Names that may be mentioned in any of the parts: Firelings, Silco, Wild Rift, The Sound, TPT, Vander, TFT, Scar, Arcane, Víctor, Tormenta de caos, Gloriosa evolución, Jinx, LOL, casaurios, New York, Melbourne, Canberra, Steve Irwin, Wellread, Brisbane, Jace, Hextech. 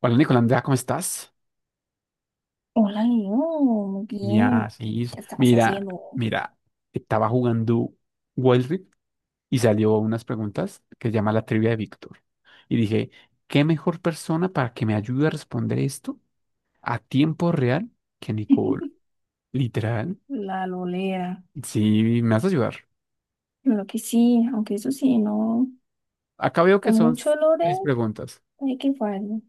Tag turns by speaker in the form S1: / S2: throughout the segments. S1: Hola Nicolás, ¿cómo estás?
S2: Hola, Leo, muy
S1: Ya,
S2: bien.
S1: sí.
S2: ¿Qué estabas
S1: Mira,
S2: haciendo?
S1: mira, estaba jugando Wild Rift y salió unas preguntas que se llama la trivia de Víctor. Y dije, ¿qué mejor persona para que me ayude a responder esto a tiempo real que Nicole? Literal.
S2: La lolera.
S1: Sí, me vas a ayudar.
S2: Lo que sí, aunque eso sí, no.
S1: Acá veo
S2: De
S1: que son
S2: mucho lore
S1: seis preguntas.
S2: hay que fallar.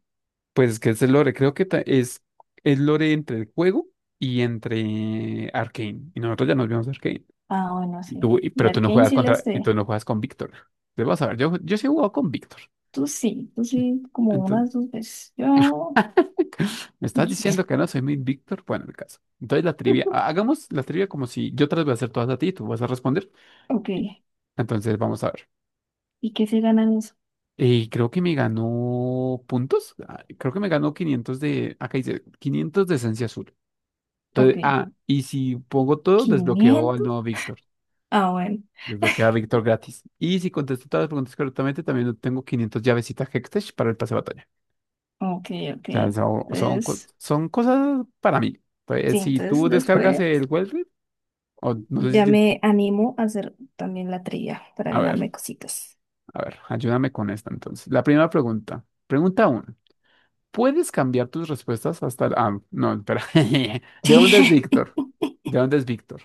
S1: Pues es que es el lore, creo que es el lore entre el juego y entre Arcane. Y nosotros ya nos vimos Arcane.
S2: Ah, bueno,
S1: Y
S2: sí.
S1: tú,
S2: De
S1: pero tú no
S2: Arcane
S1: juegas
S2: sí le
S1: contra, y
S2: sé.
S1: tú no juegas con Víctor. Entonces, vas a ver, yo sí he jugado con Víctor.
S2: Tú sí, como
S1: Entonces,
S2: unas 2 veces. Yo.
S1: ¿me estás diciendo
S2: y-
S1: que no soy mi Víctor? Bueno, el caso. Entonces la trivia, hagamos la trivia como si yo te las voy a hacer todas a ti y tú vas a responder.
S2: Ok.
S1: Y- entonces vamos a ver.
S2: ¿Y qué se gana en eso?
S1: Y creo que me ganó puntos. Ah, creo que me ganó 500 acá dice 500 de esencia azul.
S2: Ok.
S1: Entonces, y si pongo todo, desbloqueo al
S2: 500.
S1: nuevo Víctor.
S2: Ah, bueno.
S1: Desbloquea a Víctor gratis. Y si contesto todas las preguntas correctamente, también obtengo 500 llavecitas Hextech para el pase de batalla.
S2: Ok, ok.
S1: O sea,
S2: Entonces,
S1: son cosas para mí.
S2: sí,
S1: Entonces si
S2: entonces
S1: tú descargas
S2: después
S1: el Wellread, o no sé
S2: ya
S1: si...
S2: me animo a hacer también la trilla para
S1: A ver,
S2: ganarme cositas.
S1: a ver, ayúdame con esta entonces. La primera pregunta. Pregunta uno. ¿Puedes cambiar tus respuestas hasta... ah, no, espera. ¿De dónde es Víctor? ¿De dónde es Víctor?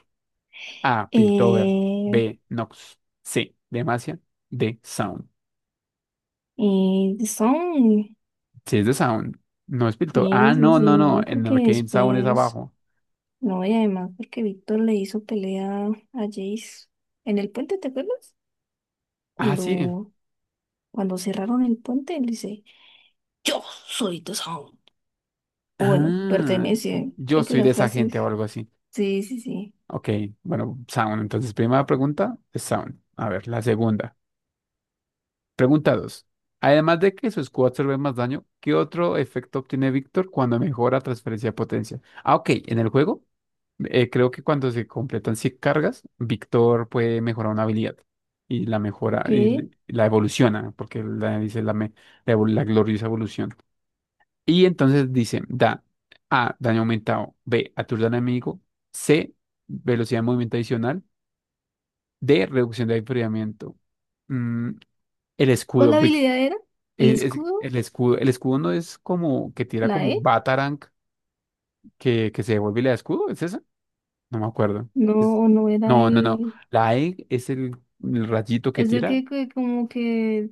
S1: A, Piltover.
S2: Eh,
S1: B, Nox. C, Demacia. D, Sound.
S2: y son,
S1: Sí, es de Sound. No es Piltover.
S2: sí,
S1: Ah,
S2: sí,
S1: no,
S2: sí,
S1: no, no.
S2: no,
S1: En
S2: porque
S1: Arcane Sound es
S2: después,
S1: abajo.
S2: no, y además porque Víctor le hizo pelea a Jace en el puente, ¿te acuerdas?
S1: Ah, sí.
S2: Cuando, cuando cerraron el puente, él dice, yo soy The Sound. O bueno,
S1: Ah,
S2: pertenece,
S1: yo
S2: creo que
S1: soy
S2: la
S1: de esa
S2: frase,
S1: gente o algo así.
S2: sí, sí, sí,
S1: Ok, bueno, Sound. Entonces, primera pregunta es Sound. A ver, la segunda. Pregunta dos. Además de que su escudo absorbe más daño, ¿qué otro efecto obtiene Víctor cuando mejora transferencia de potencia? Ah, ok, en el juego. Creo que cuando se completan 100 cargas, Víctor puede mejorar una habilidad y la mejora
S2: ok.
S1: y la evoluciona, porque la, dice la, la, la gloriosa evolución. Y entonces dice, da A, daño aumentado; B, aturda al enemigo; C, velocidad de movimiento adicional; D, reducción de enfriamiento. Mm, el
S2: ¿Cuál
S1: escudo,
S2: habilidad era? ¿El
S1: el,
S2: escudo?
S1: el escudo no es como que tira
S2: ¿La
S1: como
S2: E?
S1: un batarang que se devuelve y le da escudo, ¿es eso? No me acuerdo. Es-
S2: No, no era
S1: No, no, no.
S2: el,
S1: La E es el rayito que
S2: es el
S1: tira.
S2: que como que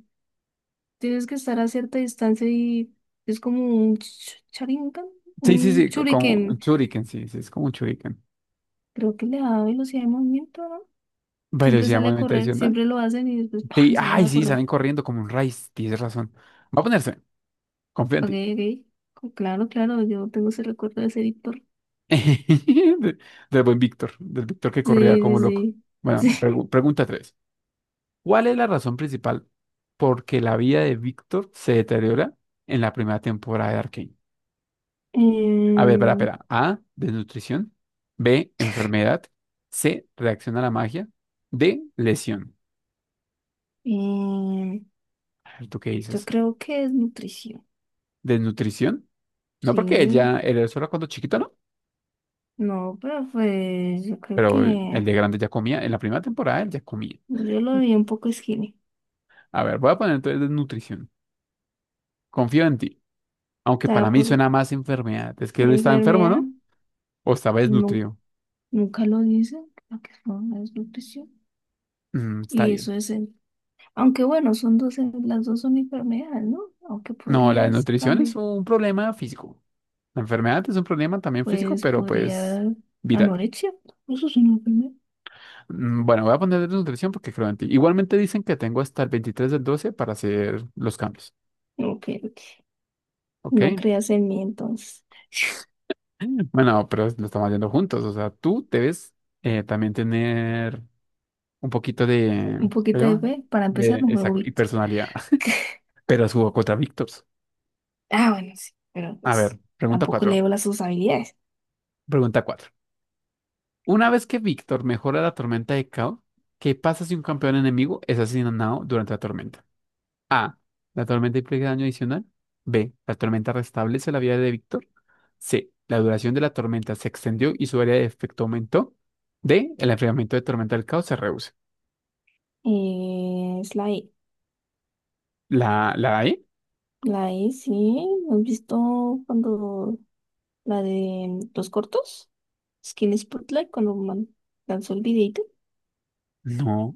S2: tienes que estar a cierta distancia y es como un charingan,
S1: Sí, sí,
S2: un
S1: sí, como un
S2: shuriken.
S1: shuriken, sí, sí, es como un shuriken.
S2: Creo que le da velocidad de movimiento, ¿no? Siempre
S1: Velocidad,
S2: sale a
S1: movimiento
S2: correr,
S1: adicional.
S2: siempre lo hacen y después
S1: Sí,
S2: ¡pam! Salen
S1: ay,
S2: a
S1: sí,
S2: correr.
S1: salen corriendo como un raíz, tienes razón. Va a ponerse, confío en
S2: Ok,
S1: ti.
S2: ok. Claro, claro, yo tengo ese recuerdo de ese Víctor.
S1: De- del buen Víctor, del Víctor que corría
S2: Sí,
S1: como loco.
S2: sí,
S1: Bueno,
S2: sí.
S1: pregunta 3. ¿Cuál es la razón principal por que la vida de Víctor se deteriora en la primera temporada de Arcane?
S2: Sí.
S1: A ver, espera, espera. A, desnutrición. B, enfermedad. C, reacción a la magia. D, lesión.
S2: Em,
S1: A ver, ¿tú qué
S2: yo
S1: dices?
S2: creo que es nutrición.
S1: ¿Desnutrición? No, porque
S2: Sí.
S1: ella, él era solo cuando chiquito, ¿no?
S2: No, pero pues yo creo
S1: Pero el
S2: que
S1: de grande ya comía. En la primera temporada él ya comía.
S2: yo lo vi un poco skinny.
S1: A ver, voy a poner entonces desnutrición. Confío en ti.
S2: O
S1: Aunque
S2: sea,
S1: para mí
S2: por
S1: suena más enfermedad. Es que él estaba enfermo,
S2: enfermedad.
S1: ¿no? O estaba
S2: nunca
S1: desnutrido.
S2: Nunca lo dicen, lo que son la desnutrición.
S1: Mm, está
S2: Y
S1: bien.
S2: eso es el, aunque bueno, son dos, las dos son enfermedades, ¿no? Aunque
S1: No, la
S2: podrías
S1: desnutrición es
S2: cambiar,
S1: un problema físico. La enfermedad es un problema también físico,
S2: pues
S1: pero pues
S2: podría
S1: viral.
S2: anorexia, eso es una enfermedad.
S1: Mm, bueno, voy a poner nutrición porque creo en ti. Igualmente dicen que tengo hasta el 23/12 para hacer los cambios.
S2: Ok, ok.
S1: ¿Ok?
S2: No creas en mí entonces.
S1: Bueno, pero lo estamos haciendo juntos. O sea, tú debes, también tener un poquito de...
S2: Un
S1: ¿cómo se
S2: poquito de
S1: llama?
S2: fe, para
S1: De,
S2: empezar, un
S1: exacto, y
S2: huevito.
S1: personalidad. Pero subo contra Víctor.
S2: Ah, bueno, sí, pero
S1: A
S2: pues
S1: ver, pregunta
S2: tampoco
S1: 4.
S2: leo las sus habilidades.
S1: Pregunta 4. Una vez que Víctor mejora la tormenta de caos, ¿qué pasa si un campeón enemigo es asesinado durante la tormenta? A, la tormenta implica daño adicional. B, la tormenta restablece la vida de Víctor. C, la duración de la tormenta se extendió y su área de efecto aumentó. D, el enfriamiento de tormenta del caos se reduce.
S2: Es la I.
S1: ¿La E?
S2: La I, sí, ¿has visto cuando la de los cortos? Skin Spotlight cuando lanzó el videito
S1: No.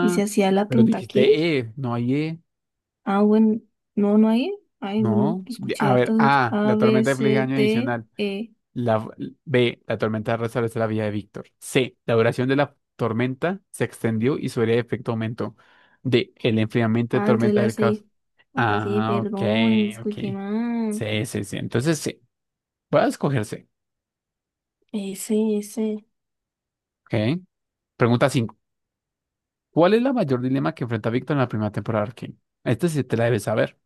S2: y se hacía la
S1: pero
S2: tentaquil.
S1: dijiste E, no hay E.
S2: Ah, bueno, no, no hay. Ay, bueno,
S1: No.
S2: escuché
S1: A ver,
S2: hartas otras.
S1: A,
S2: A,
S1: la
S2: B,
S1: tormenta implica
S2: C,
S1: daño
S2: D,
S1: adicional.
S2: E.
S1: La, B, la tormenta restablece la vida de Víctor. C, la duración de la tormenta se extendió y su área de efecto aumentó. D, el enfriamiento de
S2: Ah, entonces
S1: tormenta
S2: la
S1: del caos.
S2: C. Así,
S1: Ah,
S2: perdón,
S1: ok.
S2: escuché mal.
S1: Sí, sí, sí. Entonces, sí. Voy a escoger C.
S2: S, S.
S1: Ok. Pregunta cinco. ¿Cuál es la mayor dilema que enfrenta Víctor en la primera temporada de Arcane? Esta sí te la debes saber.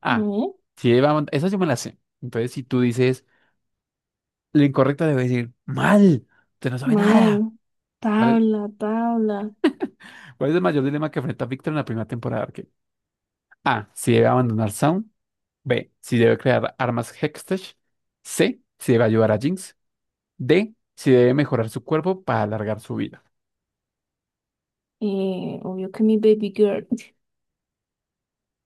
S1: A.
S2: No,
S1: Si lleva, esa sí me la sé. Entonces, si tú dices lo incorrecto, debes decir mal. Usted no sabe
S2: mal.
S1: nada. ¿Cuál es?
S2: Tabla, tabla.
S1: ¿Cuál es el mayor dilema que enfrenta Víctor en la primera temporada de Arcane? A, si debe abandonar Sound. B, si debe crear armas Hextech. C, si debe ayudar a Jinx. D, si debe mejorar su cuerpo para alargar su vida.
S2: Obvio que mi baby girl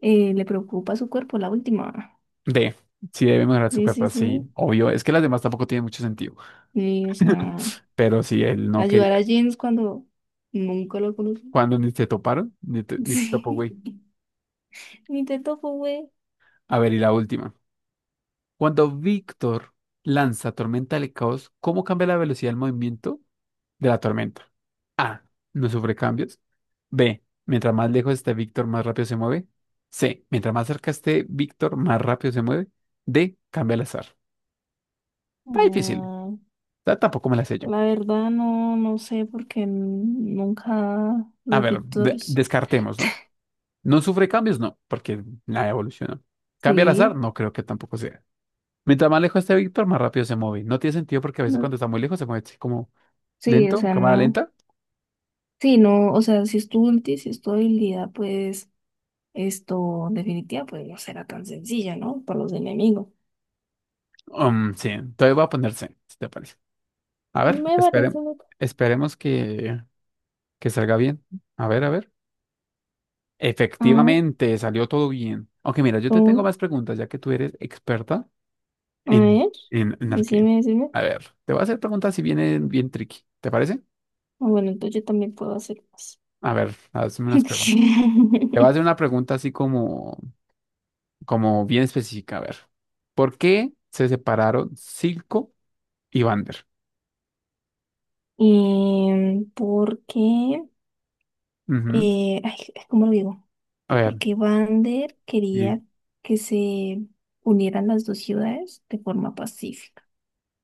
S2: le preocupa su cuerpo, la última.
S1: D, si debe mejorar su
S2: Sí, sí,
S1: cuerpo.
S2: sí.
S1: Sí, obvio. Es que las demás tampoco tienen mucho sentido.
S2: Sí, o sea,
S1: Pero si él no
S2: ayudar
S1: quería.
S2: a James cuando nunca lo conocí.
S1: Cuando ni te toparon, ni te topó,
S2: Sí,
S1: güey.
S2: ni te topo, güey.
S1: A ver, y la última. Cuando Víctor lanza Tormenta del Caos, ¿cómo cambia la velocidad del movimiento de la tormenta? A, no sufre cambios. B, mientras más lejos esté Víctor, más rápido se mueve. C, mientras más cerca esté Víctor, más rápido se mueve. D, cambia al azar. Está difícil.
S2: Mm,
S1: Tampoco me la sé yo.
S2: la verdad no, no sé porque nunca
S1: A
S2: los
S1: ver,
S2: Víctors,
S1: descartemos, ¿no? No sufre cambios, no, porque nada evolucionó. Cambia al azar,
S2: sí,
S1: no creo que tampoco sea. Mientras más lejos esté Víctor, más rápido se mueve. No tiene sentido porque a veces
S2: no-
S1: cuando está muy lejos se mueve así como
S2: sí, o
S1: lento,
S2: sea,
S1: cámara
S2: no,
S1: lenta.
S2: sí, no, o sea, si es tu ulti, si es tu habilidad, pues esto definitiva, pues no será tan sencilla, ¿no? Para los enemigos.
S1: Sí, entonces voy a poner C, si te parece. A ver,
S2: Me parece loco.
S1: esperemos que. Que salga bien. A ver, a ver.
S2: Ah,
S1: Efectivamente, salió todo bien. Aunque mira, yo te tengo
S2: oh,
S1: más preguntas, ya que tú eres experta
S2: a
S1: en,
S2: ver,
S1: en Arcane.
S2: decime, decime.
S1: A ver, te voy a hacer preguntas si vienen bien tricky. ¿Te parece?
S2: Ah, bueno, entonces yo también puedo hacer más.
S1: A ver, hazme unas preguntas. Te voy a hacer una pregunta así como, como bien específica. A ver, ¿por qué se separaron Silco y Vander?
S2: ¿Y por qué?
S1: Ujú.
S2: Ay, ¿cómo lo digo?
S1: A ver,
S2: Porque Vander
S1: sí.
S2: quería que se unieran las dos ciudades de forma pacífica.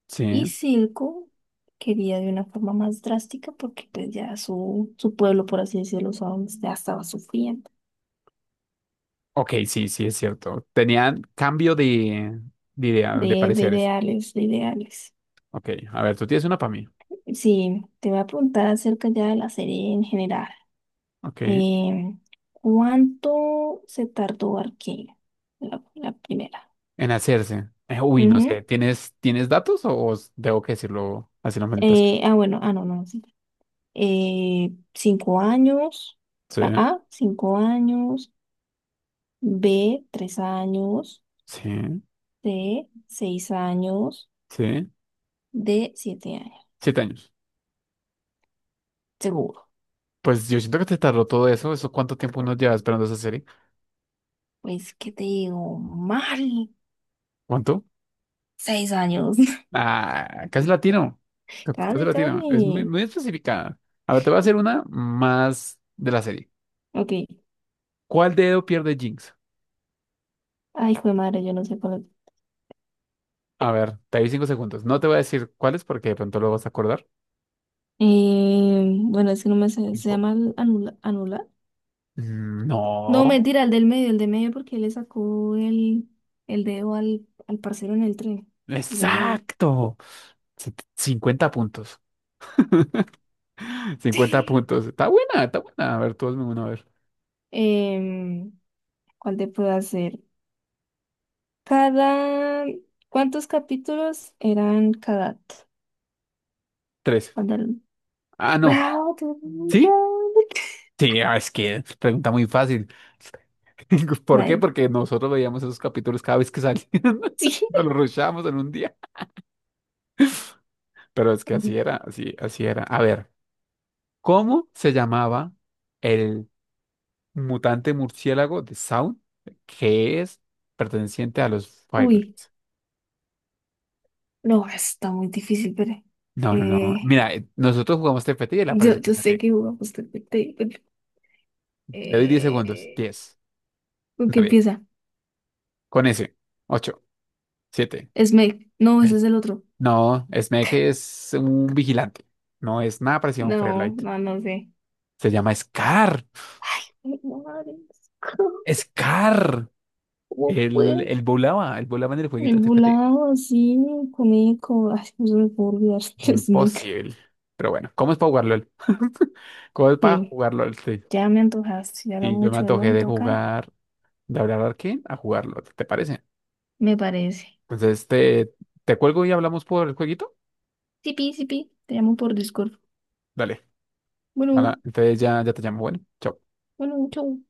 S1: Sí.
S2: Y Silco quería de una forma más drástica porque pues ya su pueblo, por así decirlo, Sound, ya estaba sufriendo
S1: Ok, sí, sí, es cierto. Tenían cambio de idea, de
S2: de
S1: pareceres.
S2: ideales, de ideales.
S1: Ok, a ver, tú tienes una para mí.
S2: Sí, te voy a preguntar acerca ya de la serie en general.
S1: Ok.
S2: eh ¿Cuánto se tardó Arcane? La primera.
S1: En hacerse. Uy, no
S2: Ujú.
S1: sé. ¿Tienes, tienes datos o tengo que decirlo así la fantasía?
S2: Bueno, no, no. Sí. Eh, 5 años,
S1: Sí,
S2: la A, 5 años, B, 3 años,
S1: sí,
S2: C, 6 años,
S1: sí.
S2: D, 7 años,
S1: 7 años.
S2: seguro.
S1: Pues yo siento que te tardó todo eso. ¿Eso cuánto tiempo uno lleva esperando esa serie?
S2: Pues, ¿qué te digo? Mal,
S1: ¿Cuánto?
S2: 6 años,
S1: Ah, casi latino. Casi
S2: casi,
S1: latino. Es muy,
S2: casi.
S1: muy especificada. A ver, te voy a hacer una más de la serie.
S2: Ok,
S1: ¿Cuál dedo pierde Jinx?
S2: ay, hijo de madre, yo no sé cuál es.
S1: A ver, te doy 5 segundos. No te voy a decir cuáles porque de pronto lo vas a acordar.
S2: Bueno, es que no me sé, se
S1: Cinco.
S2: llama el anular.
S1: Mm,
S2: No,
S1: no.
S2: mentira, el del medio, porque él le sacó el dedo al parcero en el tren, el del medio.
S1: Exacto. 50 puntos. Cincuenta puntos. Está buena, está buena. A ver, tú hazme una, a ver.
S2: Em, ¿cuál te puedo hacer? Cada... ¿Cuántos capítulos eran cada?
S1: Tres.
S2: Cuando el-
S1: Ah, no.
S2: ¡Bravo!
S1: ¿Sí?
S2: ¡Bravo!
S1: Sí, ah, es que es pregunta muy fácil. ¿Por qué?
S2: Ay,
S1: Porque nosotros veíamos esos capítulos cada vez que salían.
S2: sí.
S1: Nos los rushábamos en un día. Pero es que así era, así, así era. A ver, ¿cómo se llamaba el mutante murciélago de Sound que es perteneciente a los
S2: Uy,
S1: Firelings?
S2: no, está muy difícil, pero...
S1: No, no, no.
S2: eh,
S1: Mira, nosotros jugamos TFT y él aparece en
S2: yo sé
S1: TFT.
S2: que jugamos TPT, pero...
S1: Le doy 10 segundos.
S2: Eh,
S1: 10,
S2: ¿con qué
S1: 9,
S2: empieza?
S1: con ese. Ocho, 7,
S2: Smake. No, ese es
S1: seis.
S2: el otro.
S1: No, Smack es un vigilante. No es nada parecido a un
S2: No,
S1: Firelight.
S2: no, no sé.
S1: Se llama Scar.
S2: Ay, madre,
S1: Scar.
S2: ¿Cómo
S1: Él,
S2: puedo?
S1: él volaba en el
S2: El
S1: jueguito de TFT.
S2: volado así, comico, ay, no se me puede olvidar, Smec.
S1: Imposible. Pero bueno, ¿cómo es para jugar LOL? ¿Cómo es para
S2: Sí,
S1: jugar LOL? Sí.
S2: ya me antojaste, ya hablo
S1: Y yo me
S2: mucho de
S1: antojé
S2: LOL,
S1: de
S2: toca,
S1: jugar, de hablar a quién, a jugar LOL, ¿te parece?
S2: me parece.
S1: Entonces te cuelgo y hablamos por el jueguito.
S2: Sipi, sipi, te llamo por Discord.
S1: Dale.
S2: Bueno,
S1: Ahora, entonces ya, ya te llamo. Bueno, chao.
S2: bueno, chau.